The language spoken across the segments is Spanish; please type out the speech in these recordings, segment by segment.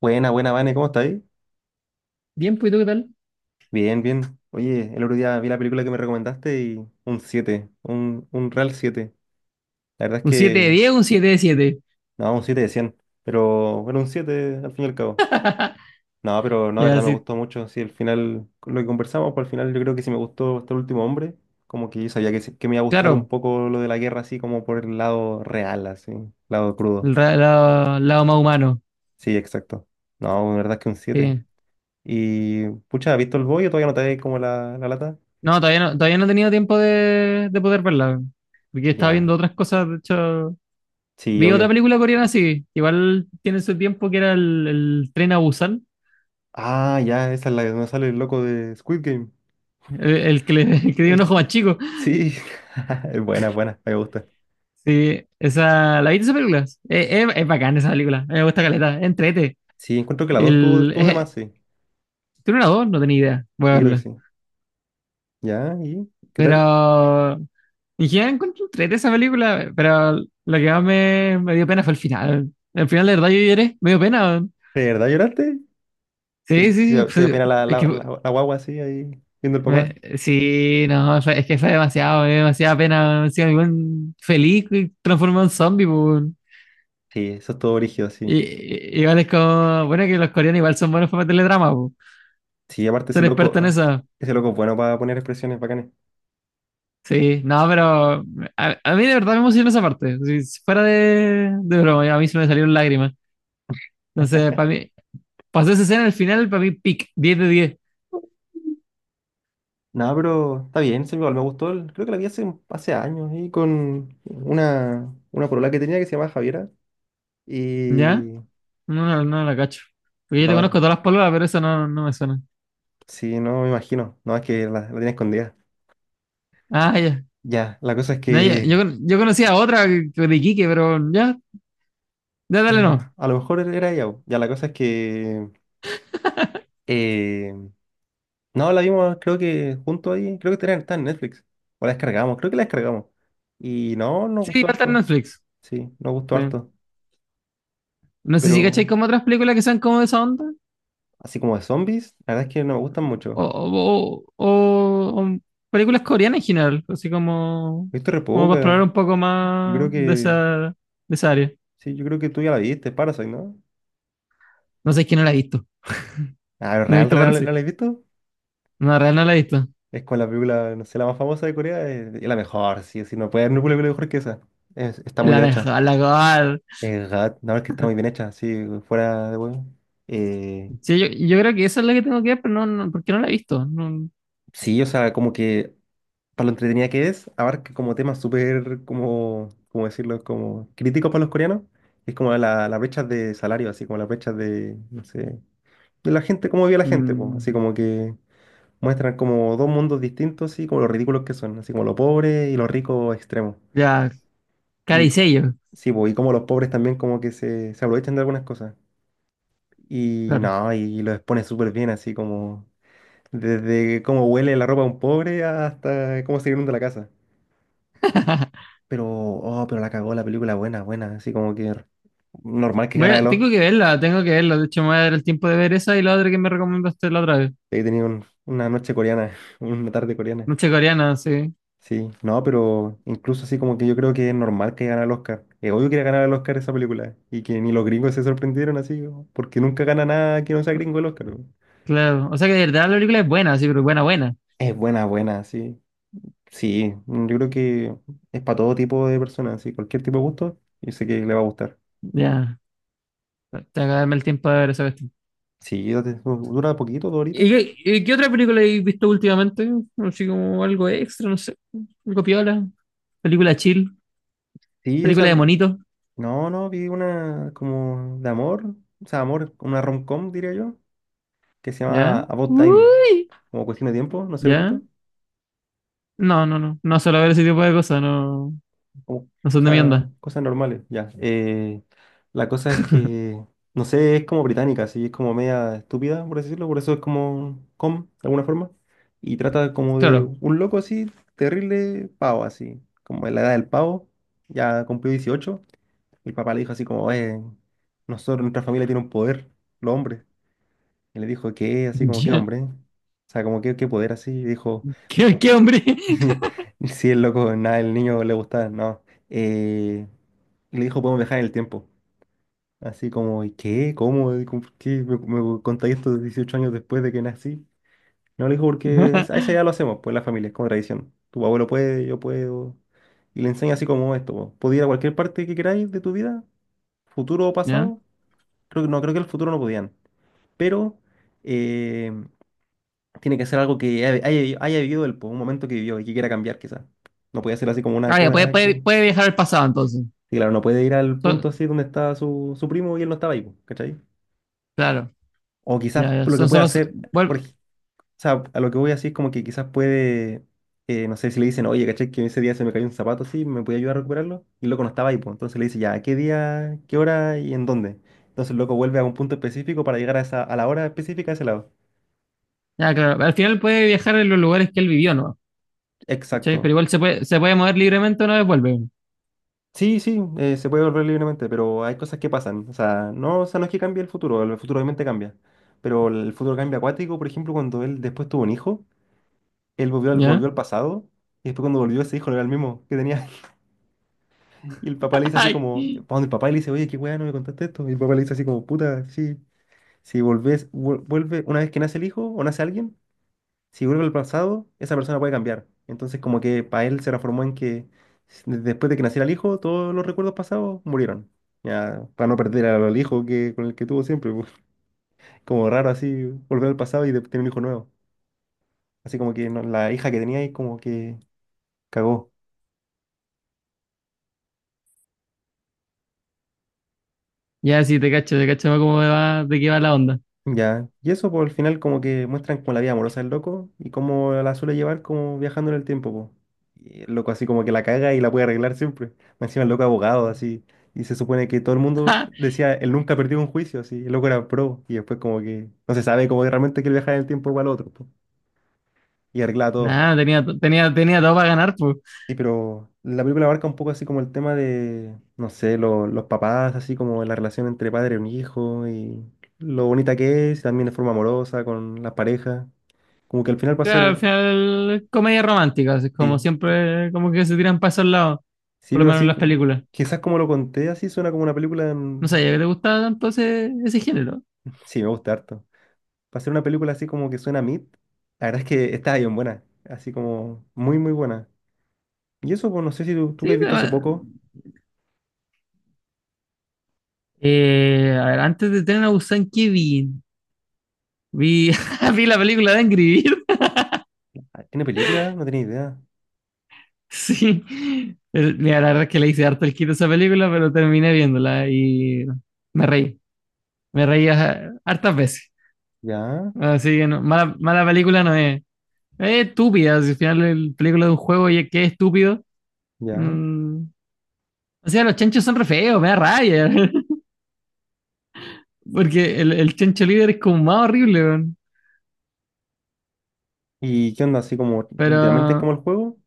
Buena, buena, Vane, ¿cómo estás ahí? Bien, pues, ¿y tú qué tal? Bien, bien. Oye, el otro día vi la película que me recomendaste y un 7 un real siete. La verdad es Un siete de que, 10, un 7 de siete. no, un 7 de cien, pero bueno, un 7 al fin y al cabo. No, pero no, la Y verdad me así, gustó mucho. Sí, al final, con lo que conversamos, pues al final yo creo que sí me gustó Hasta el último hombre. Como que yo sabía que, que me iba a gustar un claro, poco lo de la guerra, así como por el lado real, así, lado crudo. el lado, lado más humano. Sí, exacto. No, la verdad es que un siete. Sí. Y, pucha, ¿has visto El boy o todavía no te da como la lata? No, todavía no, todavía no he tenido tiempo de poder verla. Porque estaba Ya. viendo otras cosas. De hecho, Sí, vi otra obvio. película coreana, sí. Igual tiene su tiempo, que era el tren a Busan. Ah, ya, esa es la donde sale el loco de Squid Game. El que le, el que dio un El... ojo que- más chico. Sí, es buena, buena, me gusta. Sí, esa, ¿la viste esa película? Es bacán esa película. A mí me gusta caleta. Entrete. Sí, encuentro que la dos tuvo, El, de eh, más, sí. Tiene una dos, no tenía idea. Voy a Sí, creo que verla. sí. ¿Ya? ¿Y qué tal? Pero y ya encuentro entrete esa película, pero lo que más me dio pena fue el final. El final, de verdad, yo lloré, me dio pena, weón. ¿De verdad lloraste? ¿Te, Sí, sí, sí. te dio fue- pena la, Es la, que, fue- la, la guagua así, ahí, viendo el me- papá? sí, no, fue- es que fue demasiado, me dio demasiada pena, weón. Encima, el weón feliz y transformado en zombie, po, weón. Sí, eso es todo brígido, sí. Igual es como, bueno, que los coreanos igual son buenos para meterle drama, po. Sí, aparte Son expertos en eso. ese loco es bueno para poner expresiones bacanes. Sí, no, pero a mí de verdad me emocionó esa parte. Si fuera de broma, a mí se me salieron lágrimas. Entonces, para mí, pasó esa escena al final, para mí, pic, 10 de 10. No, pero está bien, sí, igual me gustó. Creo que la vi hace, hace años, ahí con una polola que tenía que se llamaba Javiera. ¿Ya? Y... No, no, no la cacho. Porque yo te conozco No, todas las palabras, pero esa no, no me suena. sí, no me imagino. No, es que la tenía escondida. Ah, ya. Ya, la cosa es No, ya. Yo, que yo conocía otra de Iquique, pero ya, ya dale no. a lo mejor era ella, po. Ya, la cosa es que eh, no la vimos, creo que junto ahí. Creo que está en Netflix. O la descargamos, creo que la descargamos. Y no, nos Sí, gustó va a estar en harto. Netflix. Sí, nos gustó Sí. harto. No sé si cacháis Pero como otras películas que sean como de esa onda. así como de zombies, la verdad es que no me gustan O, mucho. o, o- o o películas coreanas en general. Así como, He visto re como para explorar poca. un poco Yo más creo que. de esa área. Sí, yo creo que tú ya la viste, Parasite, ¿no? No sé, es que no la he visto. Ah, No he ¿real, visto real, la Parasite. has visto? No, en realidad no la he visto. Es con la película, no sé, la más famosa de Corea, es la mejor, sí, sí, no puede haber una película mejor que esa. Está Es muy la bien hecha. mejor, la mejor. Gat, la verdad es que está muy bien hecha, sí, fuera de huevo. Eh, Sí, yo creo que esa es la que tengo que ver, pero no, no porque no la he visto. No, sí, o sea, como que para lo entretenida que es, abarca como temas súper, como, ¿cómo decirlo? Como críticos para los coreanos. Es como la brecha de salario, así como la brecha de, no sé, de la gente, cómo vive la gente, pues, mm, así como que muestran como dos mundos distintos, así como los ridículos que son, así como los pobres y los ricos extremos. ya, cara Y y co- sello, sí, pues, y como los pobres también como que se aprovechan de algunas cosas. Y claro. no, y lo expone súper bien, así como desde cómo huele la ropa de un pobre hasta cómo se inunda la casa. Pero, oh, pero la cagó la película, buena, buena, así como que normal que gana el Oscar. Tengo que verla, tengo que verla. De hecho, me voy a dar el tiempo de ver esa y la otra que me recomendaste la otra vez. He tenido una noche coreana, una tarde coreana. Noche coreana, sí, Sí, no, pero incluso así como que yo creo que es normal que gane el Oscar. Es obvio que iba a ganar el Oscar esa película. Y que ni los gringos se sorprendieron así, porque nunca gana nada que no sea gringo el Oscar. claro. O sea que de verdad la película es buena, sí, pero buena, buena. Es buena, buena, sí. Sí, mm, yo creo que es para todo tipo de personas, sí, cualquier tipo de gusto, yo sé que le va a gustar. Ya, tengo que darme el tiempo de ver esa cuestión. Sí, dura poquito, dos horitas. ¿Y qué otra película has visto últimamente? Así como algo extra, no sé. Algo piola, película chill, Sí, o sea, película de monito, no, no, vi una como de amor, o sea, amor, una rom-com, diría yo, que se llama ¿ya? About Time, Uy, como cuestión de tiempo, no sé lo he ¿ya? visto. No, no, no. No suelo ver ese tipo de cosas, no. O No son de mi sea, onda. cosas normales, ya. La cosa es que, no sé, es como británica, así es como media estúpida, por decirlo, por eso es como com, de alguna forma, y trata como de Claro. un loco así, terrible pavo, así, como en la edad del pavo, ya cumplió 18. El papá le dijo así como, nosotros, nuestra familia tiene un poder, los hombres, y le dijo, ¿qué? Así como, ¿qué Ya. hombre? O sea, como, ¿qué, qué poder así? ¿Qué, qué hombre? Sí, el loco, nada, el niño le gustaba, no. Eh, le dijo, podemos viajar en el tiempo. Así como, ¿y qué? ¿Cómo? ¿Por qué me, me contáis esto 18 años después de que nací? No, le dijo, a esa edad lo hacemos, pues en la familia, es como tradición. Tu abuelo puede, yo puedo. Y le enseña así como esto, po. Podía ir a cualquier parte que queráis de tu vida, futuro o ¿Ya? pasado. Creo que no, creo que el futuro no podían. Pero eh, tiene que ser algo que haya haya vivido él, por un momento que vivió y que quiera cambiar, quizás. No puede ser así como una Ah, ya, cosa que. Puede viajar al pasado entonces. Sí, claro, no puede ir al So- punto así donde estaba su, su primo y él no estaba ahí, po, ¿cachai? claro. O quizás Ya, ya, lo que son puede solo. hacer, por, vuelvo- ej- o sea, a lo que voy así es como que quizás puede, no sé si le dicen, oye, ¿cachai? Que ese día se me cayó un zapato así, ¿me puede ayudar a recuperarlo? Y el loco no estaba ahí, pues. Entonces le dice, ya, ¿qué día, qué hora y en dónde? Entonces el loco vuelve a un punto específico para llegar a esa, a la hora específica a ese lado. ya, claro. Al final puede viajar en los lugares que él vivió, ¿no? ¿Cachai? Pero Exacto. igual se puede mover libremente una vez vuelve. Sí, sí, se puede volver libremente, pero hay cosas que pasan. O sea, no es que cambie el futuro obviamente cambia. Pero el futuro cambia acuático, por ejemplo, cuando él después tuvo un hijo, él volvió ¿Ya? al pasado, y después cuando volvió ese hijo no era el mismo que tenía. Y el papá le dice así Ay. como, pa' donde el papá y le dice, oye, qué weá, no me contaste esto. Y el papá le dice así como, puta, sí, si volvés, vuelve una vez que nace el hijo o nace alguien, si vuelve al pasado, esa persona puede cambiar. Entonces, como que para él se transformó en que después de que naciera el hijo, todos los recuerdos pasados murieron. Ya, para no perder al hijo que, con el que tuvo siempre, pues. Como raro así, volver al pasado y tener un hijo nuevo. Así como que la hija que tenía ahí como que cagó. Ya, sí, te cacho cómo va, de qué va la onda. Ya, y eso por el final como que muestran como la vida amorosa del loco y cómo la suele llevar como viajando en el tiempo, po. Y el loco así como que la caga y la puede arreglar siempre. Más encima el loco abogado así. Y se supone que todo el mundo decía, él nunca perdió un juicio, así. El loco era pro y después como que no se sabe como que realmente quiere viajar en el tiempo igual al otro, po, y arregla todo. Nada, tenía, tenía, tenía todo para ganar, pues. Sí, pero la película abarca un poco así como el tema de, no sé, los papás, así como la relación entre padre y un hijo y lo bonita que es, también de forma amorosa con las parejas. Como que al final va a Claro, al ser, final, comedia romántica, así como sí, siempre, como que se tiran pasos al lado, sí, por lo pero menos en así, las películas. quizás como lo conté, así suena como una película, No sabía que te gustaba tanto ese, ese género. sí, me gusta harto. Va a ser una película así como que suena a Mid. La verdad es que está bien buena, así como muy, muy buena. Y eso, pues no sé si tú, tú que has Sí, te visto hace va- poco, a ver, antes de tener a Busan, ¿qué vi? Vi, vi la película de Angry Birds. ah, ¿tiene película? No tenía idea. Sí. Mira, la verdad es que le hice harto el quito a esa película, pero terminé viéndola y me reí. Me reí a hartas veces. Ya, Así que no, mala, mala película no es. Es estúpida, si al final el película de un juego y es que es estúpido. ya. Mm. O sea, los chanchos son re feos, me da rabia. Porque el chancho líder es como más horrible, weón. ¿Y qué onda? Así como, literalmente es como Pero el juego.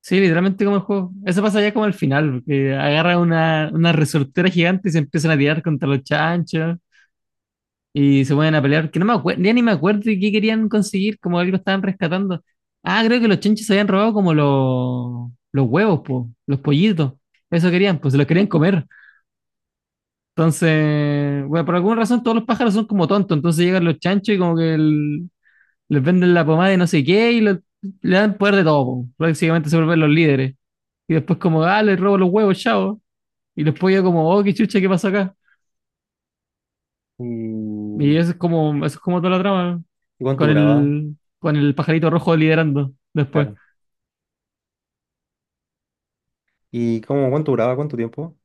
sí, literalmente como el juego. Eso pasa ya como al final, que agarra una resortera gigante y se empiezan a tirar contra los chanchos y se ponen a pelear, que no me acuerdo, ya ni me acuerdo de qué querían conseguir, como algo estaban rescatando. Ah, creo que los chanchos se habían robado como los huevos, po, los pollitos. Eso querían, pues se los querían comer. Entonces, bueno, por alguna razón todos los pájaros son como tontos, entonces llegan los chanchos y como que les venden la pomada de no sé qué y le dan poder de todo, po. Prácticamente se vuelven los líderes. Y después como, ah, le robo los huevos, chao. Y después ya como, oh, qué chucha, ¿qué pasó acá? ¿Y, Y eso es como toda la trama, ¿Y cuánto duraba? Con el pajarito rojo liderando después. Claro. ¿Y cómo, cuánto duraba? ¿Cuánto tiempo?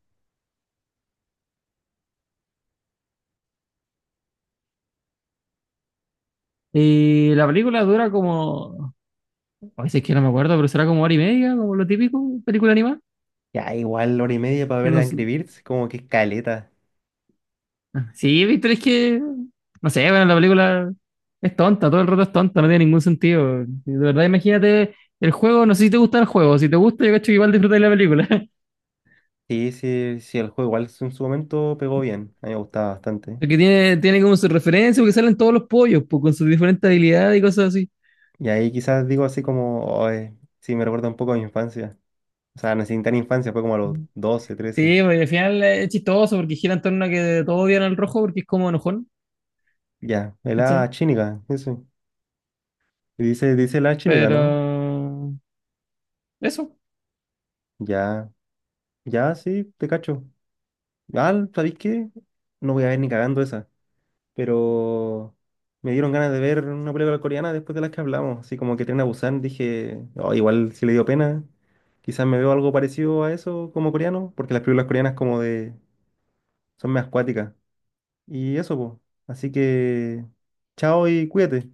Y la película dura como, a veces que no me acuerdo, pero será como hora y media, como lo típico, película animada. Ya, igual hora y media para Que ver no s- Angry Birds, como que es caleta. Sí, Víctor, es que, no sé, bueno, la película es tonta, todo el rato es tonta, no tiene ningún sentido. Y de verdad, imagínate el juego, no sé si te gusta el juego, si te gusta, yo cacho que igual disfrutas de la película. Sí, sí, sí, el juego igual en su momento pegó bien, a mí me gustaba bastante. Porque tiene, tiene como su referencia, porque salen todos los pollos, pues, con sus diferentes habilidades y cosas así. Y ahí quizás digo así como, "Oh, sí, me recuerda un poco a mi infancia. O sea, no sin tan infancia, fue como a los 12, 13, Sí, pues, al final es chistoso porque gira en torno a que todos odian al rojo porque es como enojón, ya, el la ¿cachai? chínica, eso. Y dice, dice la chínica, Pero ¿no? eso, Ya, ya, sí, te cacho. Ah, ¿sabéis qué? No voy a ver ni cagando esa, pero me dieron ganas de ver una película coreana después de las que hablamos, así como que Tren a Busan, dije, "Oh, igual si le dio pena, quizás me veo algo parecido a eso como coreano, porque las películas coreanas como de, son más acuáticas, y eso, pues, así que, chao y cuídate.